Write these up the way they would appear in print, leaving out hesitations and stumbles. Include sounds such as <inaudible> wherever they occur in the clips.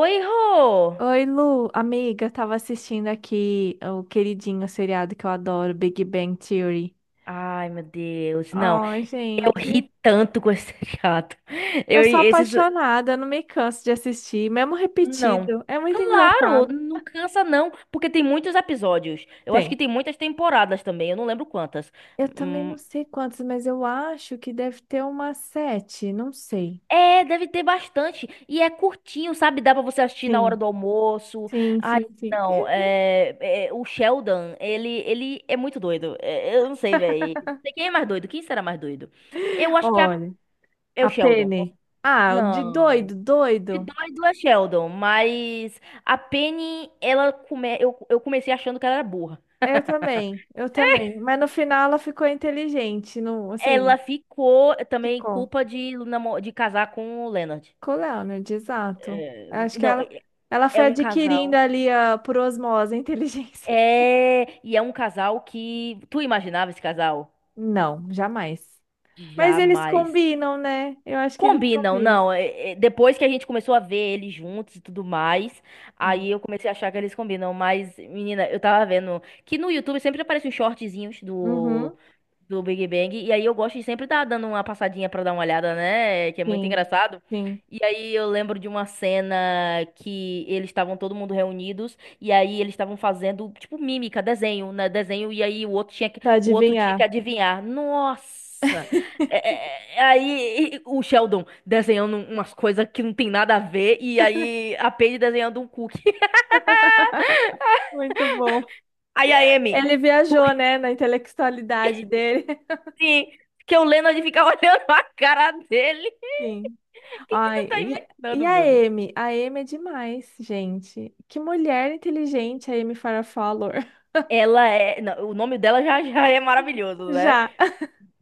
Oi, Rô! Oi, Lu, amiga, tava assistindo aqui o queridinho seriado que eu adoro, Big Bang Theory. Ai, meu Deus, não. Ai, Eu gente, ri tanto com esse <laughs> seriado. eu Eu, sou esses... apaixonada, eu não me canso de assistir, mesmo Não. repetido, é muito Claro, engraçado. não cansa não, porque tem muitos episódios. Eu acho que Tem. tem muitas temporadas também, eu não lembro quantas. Eu também não Hum, sei quantos, mas eu acho que deve ter umas sete, não sei. é, deve ter bastante. E é curtinho, sabe? Dá pra você assistir na hora do Sim, almoço. sim, Ai, sim, sim. não, é, é, o Sheldon, ele é muito doido. É, eu não sei, velho. Não sei quem é mais doido, quem será mais doido? Eu acho que Olha, é a o Sheldon. Penny. Ah, de Não. doido, De doido. doido é Sheldon, mas a Penny, ela come... eu comecei achando que ela era burra. Eu também, eu também. Mas no final ela ficou inteligente, não, assim, Ela ficou também ficou. culpa de de casar com o Leonard. Com o Leonard, exato. É, Acho que Não, é ela é foi um adquirindo casal. ali a, por osmose a inteligência. É, e é um casal que. Tu imaginava esse casal? <laughs> Não, jamais. Mas eles Jamais. combinam, né? Eu acho que eles Combinam, combinam. não. Depois que a gente começou a ver eles juntos e tudo mais, Ah, aí eu comecei a achar que eles combinam. Mas, menina, eu tava vendo que no YouTube sempre aparecem os shortzinhos uhum, do Big Bang. E aí eu gosto de sempre estar dando uma passadinha pra dar uma olhada, né? Que é muito sim, engraçado. sim. E aí eu lembro de uma cena que eles estavam todo mundo reunidos e aí eles estavam fazendo tipo mímica, desenho, né? Desenho e aí Pra o outro tinha que adivinhar. adivinhar. Nossa! <laughs> O Sheldon desenhando umas coisas que não tem nada a ver e aí a Paige desenhando um cookie. <laughs> Muito bom. Aí a Amy, Ele viajou, cookie né, na intelectualidade dele. <laughs> sim, que o Leonard ficava <laughs> olhando a cara dele. Sim. O que que Ai, tu tá e imaginando, a meu Deus? Amy? A Amy é demais, gente. Que mulher inteligente a Amy Farrah Fowler. Ela é, não, o nome dela já é maravilhoso, <laughs> né? Já.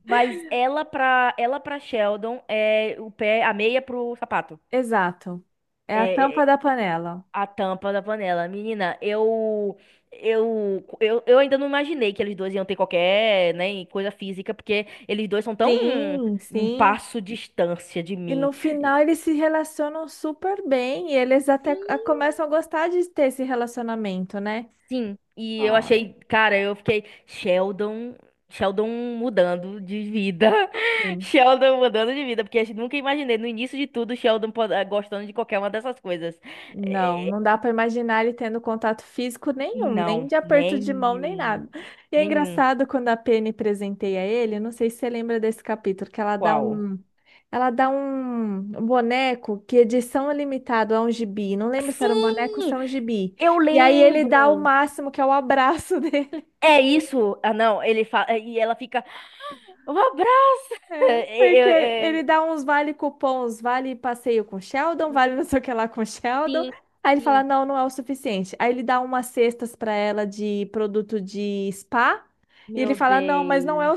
Mas ela pra Sheldon é o pé, a meia pro sapato. Exato. É a É, é, tampa da panela. a tampa da panela. Menina, eu ainda não imaginei que eles dois iam ter qualquer, né, coisa física, porque eles dois são tão um, Sim, um sim. passo distância de E mim. no final eles se relacionam super bem e eles até ah, Sim. começam a gostar de ter esse relacionamento, né? Sim, e eu Ai, achei, cara, eu fiquei, Sheldon mudando de vida. <laughs> sim. Sheldon mudando de vida, porque eu nunca imaginei no início de tudo Sheldon gostando de qualquer uma dessas coisas. Não, Eh, não dá para imaginar ele tendo contato físico nenhum, nem Não, de aperto de mão, nem nenhum, nada. E é nenhum. engraçado quando a Penny presenteia ele, não sei se você lembra desse capítulo, que ela dá um. Qual? Ela dá um boneco que edição é limitado a um gibi. Não lembro se era um boneco ou se Sim, é um gibi. eu E aí ele dá o lembro. máximo, que é o abraço <laughs> dele. É isso. Ah, não, ele fala e ela fica, um abraço. <laughs> É, É, porque é, ele é, dá uns vale cupons, vale passeio com Sheldon, vale não sei o que lá com Sheldon. sim, Aí ele fala, sim. não, não é o suficiente. Aí ele dá umas cestas para ela de produto de spa. E ele Meu fala, não, mas não é Deus. o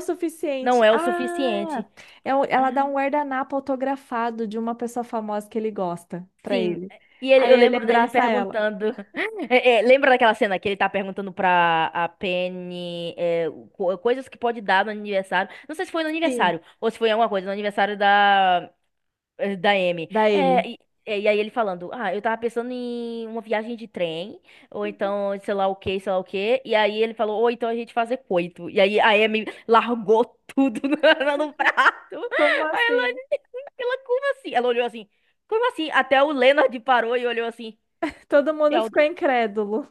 Não suficiente. é o Ah, suficiente. é o- ela dá Ah, um guardanapo autografado de uma pessoa famosa que ele gosta para sim. ele. E ele- Aí eu ele lembro dele abraça ela. perguntando. <laughs> Lembra daquela cena que ele tá perguntando pra a Penny é, coisas que pode dar no aniversário? Não sei se foi no Sim, aniversário ou se foi alguma coisa, no aniversário da Amy. da É, Amy. e, é, e aí ele falando: Ah, eu tava pensando em uma viagem de trem, ou então sei lá o que, sei lá o que. E aí ele falou: Ou então a gente fazer coito. E aí a Amy largou tudo <laughs> no, no prato. Como assim? Ela, como assim? Ela olhou assim, como assim? Até o Leonard parou e olhou assim, Todo mundo Sheldon? ficou incrédulo.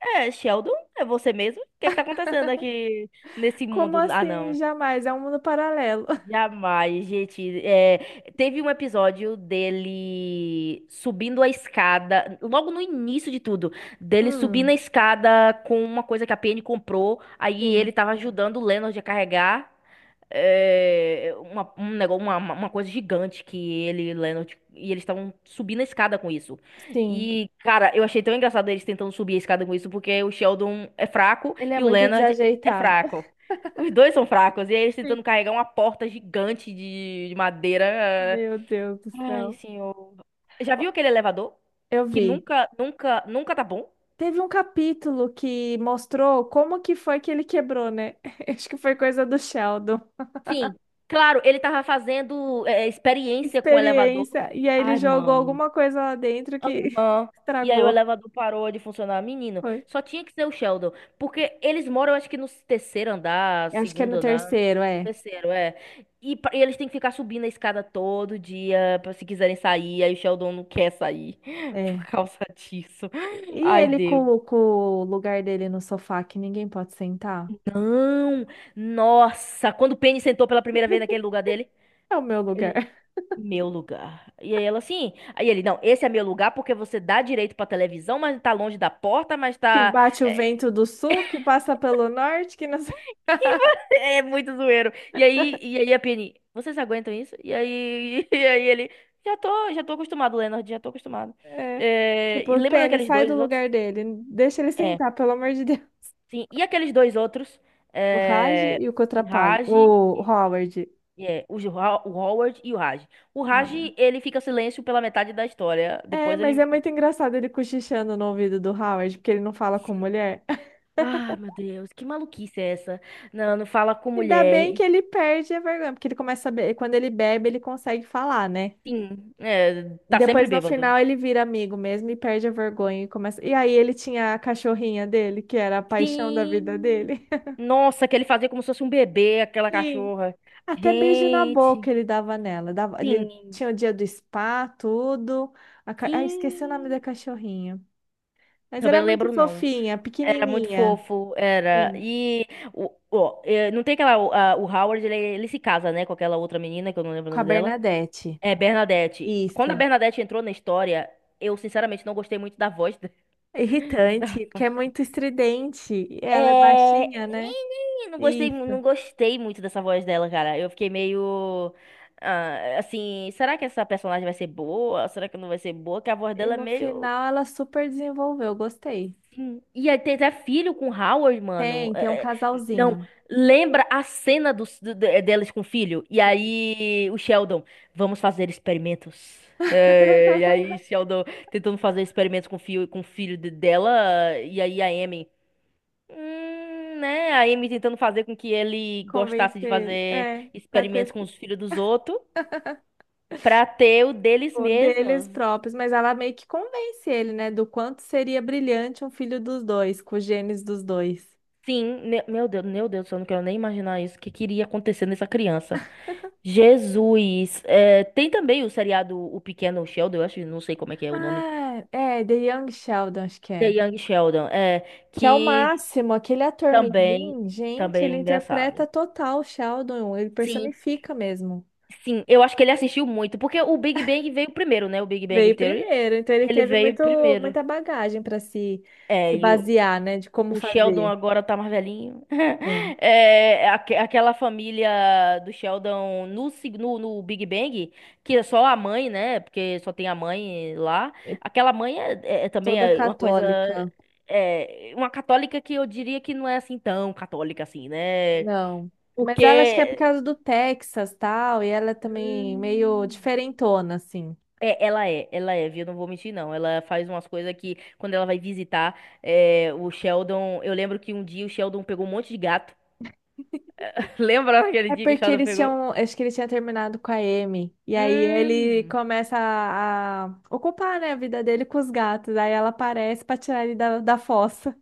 Sheldon, é você mesmo? O que que tá acontecendo aqui nesse Como mundo? Ah, assim? não. Jamais, é um mundo paralelo. <laughs> Jamais, gente. É, teve um episódio dele subindo a escada, logo no início de tudo, dele subindo a Hum. escada com uma coisa que a Penny comprou, aí Sim, ele tava ajudando o Leonard a carregar. É, um negócio, uma coisa gigante que ele e Leonard, e eles estavam subindo a escada com isso. sim. E, cara, eu achei tão engraçado eles tentando subir a escada com isso, porque o Sheldon é fraco Ele é e o muito Leonard é desajeitado. fraco. Os dois são fracos, e aí eles Sim. tentando carregar uma porta gigante de madeira. É. Meu Deus do Ai, céu. senhor. Já viu aquele elevador? Eu Que vi. nunca, nunca, nunca tá bom? Teve um capítulo que mostrou como que foi que ele quebrou, né? <laughs> Acho que foi coisa do Sheldon. Sim. Claro, ele tava fazendo é, experiência com o elevador. Experiência. E aí ele Ai, jogou mano. alguma coisa lá dentro que <laughs> Aham. E aí o estragou. elevador parou de funcionar. Menino, Foi. só tinha que ser o Sheldon. Porque eles moram, acho que no terceiro andar, Eu acho que é segundo no andar. terceiro, é. Terceiro, é. E eles têm que ficar subindo a escada todo dia pra se quiserem sair. Aí o Sheldon não quer sair <laughs> por É. causa disso. E Ai, ele Deus. Com o lugar dele no sofá que ninguém pode sentar? Não! Nossa! Quando o Penny sentou pela primeira vez naquele lugar dele, É o meu lugar. ele. <laughs> Meu lugar. E aí ela assim. Aí ele, não, esse é meu lugar porque você dá direito pra televisão, mas tá longe da porta, mas Que tá. bate o vento do sul, que passa pelo norte, que não. <laughs> É muito zoeiro. E aí a Penny, vocês aguentam isso? <laughs> E aí ele, já tô acostumado, Leonard, já tô acostumado. É. É, Tipo, e o lembra pênis, daqueles sai do dois outros? lugar dele. Deixa ele É, sentar, pelo amor de Deus. sim. E aqueles dois outros, O Raj é, e o o Cotrapalho. Raj, O Howard. é, o Howard e o Raj. O Ah, Raj, né? ele fica em silêncio pela metade da história. É, Depois mas é ele, muito engraçado ele cochichando no ouvido do Howard, porque ele não fala com sim. mulher. <laughs> Ah, meu Deus, que maluquice é essa? Não, não fala com Ainda mulher. bem que E, ele perde a vergonha, porque ele começa a be... quando ele bebe, ele consegue falar, né? sim, é, Então, tá sempre depois, no bêbado. final, ele vira amigo mesmo e perde a vergonha e começa. E aí ele tinha a cachorrinha dele, que era a paixão da vida Sim. dele. Nossa, que ele fazia como se fosse um bebê, <laughs> aquela Sim. cachorra. Até beijo na Gente, boca ele dava nela. Dava, ele sim, tinha o dia do spa, tudo. A, ca- ah, esqueci o nome sim. da cachorrinha. Mas Também era não muito lembro, não. fofinha, Era muito pequenininha. fofo, era. Sim. Não tem aquela. O Howard, ele se casa, né, com aquela outra menina, que eu não lembro o Com a nome dela. Bernadette. É Bernadette. Quando a Isso. Bernadette entrou na história, eu sinceramente não gostei muito da voz. <laughs> Da Irritante, porque voz. é muito estridente. E É... ela é baixinha, né? Não gostei, Isso. Não gostei muito dessa voz dela, cara. Eu fiquei meio. Ah, assim, será que essa personagem vai ser boa? Será que não vai ser boa? Que a voz E dela é no meio. final ela super desenvolveu, gostei. E aí tem até filho com Howard, mano. Tem, tem um Não, casalzinho. lembra a cena delas com o filho? E aí o Sheldon, vamos fazer experimentos. É, e aí Sheldon tentando fazer experimentos com o filho dela. E aí a Amy. Né? A Amy tentando fazer com que ele gostasse de Convencer, fazer é, para experimentos ter com os filhos dos outros pra ter o deles o deles mesmos. próprios, mas ela meio que convence ele, né, do quanto seria brilhante um filho dos dois, com os genes dos dois. Sim, meu Deus, eu não quero nem imaginar isso. O que queria acontecer nessa criança? Jesus! É, tem também o seriado O Pequeno Sheldon, eu acho, não sei como é que é o nome. Ah, é, The Young Sheldon, acho que The é. Young Sheldon, é, Que é o que máximo, aquele ator também, mirim, gente, também é ele engraçado. interpreta total o Sheldon, ele Sim, personifica mesmo. sim, eu acho que ele assistiu muito, porque o Big Bang veio primeiro, né? O Big Bang Veio Theory. primeiro, então ele Ele teve veio muito, primeiro. muita bagagem para se, É, se e basear, né, de como o Sheldon fazer. agora tá mais velhinho. <laughs> Sim, É, aquela família do Sheldon no Big Bang, que é só a mãe, né? Porque só tem a mãe lá. é Aquela mãe é também toda é uma coisa. católica. É, uma católica que eu diria que não é assim tão católica assim, né? Não. Mas ela acho que é por Porque. causa do Texas, tal, e ela é também meio Hum, diferentona, assim. É, ela é, viu? Não vou mentir, não. Ela faz umas coisas que, quando ela vai visitar é, o Sheldon. Eu lembro que um dia o Sheldon pegou um monte de gato. <laughs> Lembra daquele É dia que o porque Shadow eles pegou? tinham, acho que ele tinha terminado com a Amy, e aí ele Hum. começa a ocupar, né, a vida dele com os gatos, aí ela aparece pra tirar ele da fossa,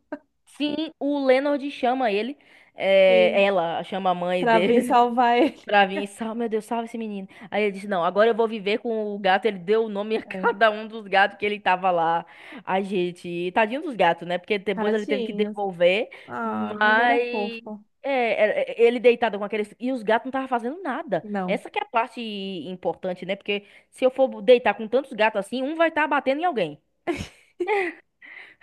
Sim, o Leonard chama ele. É, sim, ela chama a mãe pra vir dele salvar ele. <laughs> pra <laughs> vir. Salve, meu Deus, salve esse menino. Aí ele disse: Não, agora eu vou viver com o gato. Ele deu o nome a <laughs> É, cada um dos gatos que ele tava lá. Ai, gente, tadinho dos gatos, né? Porque depois ele teve que tadinhos. devolver. Ah, mas era Mas. fofo. Ele deitado com aqueles. E os gatos não estavam fazendo nada. Não, Essa que é a parte importante, né? Porque se eu for deitar com tantos gatos assim, um vai estar batendo em alguém.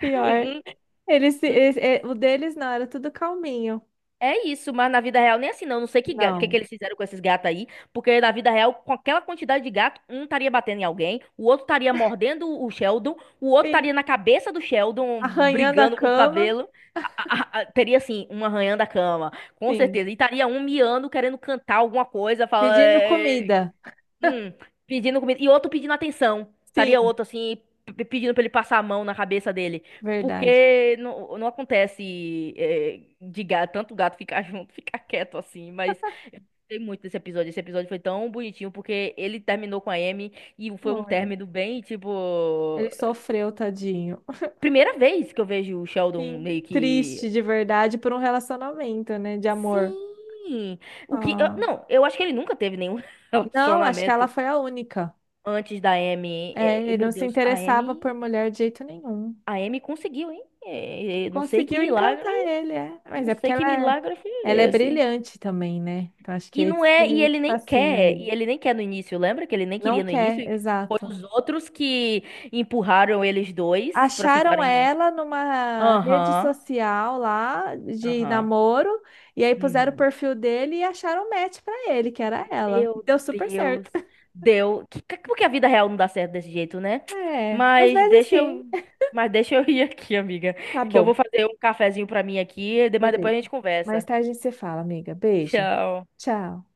pior. Eles, se- eles- é, o deles não, era tudo calminho. É isso, mas na vida real nem assim não. Não sei que, que Não. eles fizeram com esses gatos aí, porque na vida real, com aquela quantidade de gato, um estaria batendo em alguém, o outro estaria mordendo o Sheldon, o outro estaria Sim, na cabeça do Sheldon, arranhando a brigando com o cama, cabelo. Teria assim, um arranhando a cama, com sim. certeza. E estaria um miando, querendo cantar alguma coisa, falando. Pedindo comida. Hum, pedindo comida. E outro pedindo atenção. Estaria Sim, outro assim, pedindo pra ele passar a mão na cabeça dele. verdade. Porque não, não acontece é, de gato, tanto gato ficar <laughs> junto, ficar quieto assim. Mas eu gostei muito desse episódio. Esse episódio foi tão bonitinho porque ele terminou com a Amy e foi um Foi. término bem, tipo. Ele sofreu, tadinho. Primeira vez que eu vejo o Sheldon meio Sim, que. triste de verdade por um relacionamento, né, de amor. Sim! Ah. Não, eu acho que ele nunca teve nenhum <laughs> Não, acho que ela relacionamento foi a única. antes da Amy. É, É, é, ele não meu se Deus, a interessava Amy. por mulher de jeito nenhum. A Amy conseguiu, hein? É, é, não sei que Conseguiu milagre, encantar ele, é. Mas não é porque sei que é, milagre foi ela é esse. brilhante também, né? Então acho que E é não isso que é, e muito ele nem fascina quer, ele. e ele nem quer no início, lembra que ele nem Não queria no início? quer, E foi exato. os outros que empurraram eles dois pra Acharam ficarem juntos. ela numa rede Aham, social lá de aham. namoro, e aí puseram o uhum. perfil dele e acharam o match pra ele, que era ela. Meu Deu super Deus. certo. <laughs> Deu. Por a vida real não dá certo desse jeito, né? É, às Mas vezes deixa sim. eu, mas deixa eu <laughs> ir aqui, amiga, Tá que eu bom, vou fazer um cafezinho pra mim aqui, mas depois a beleza. gente Mais conversa. tarde a gente se fala, amiga. Beijo. Tchau. Tchau.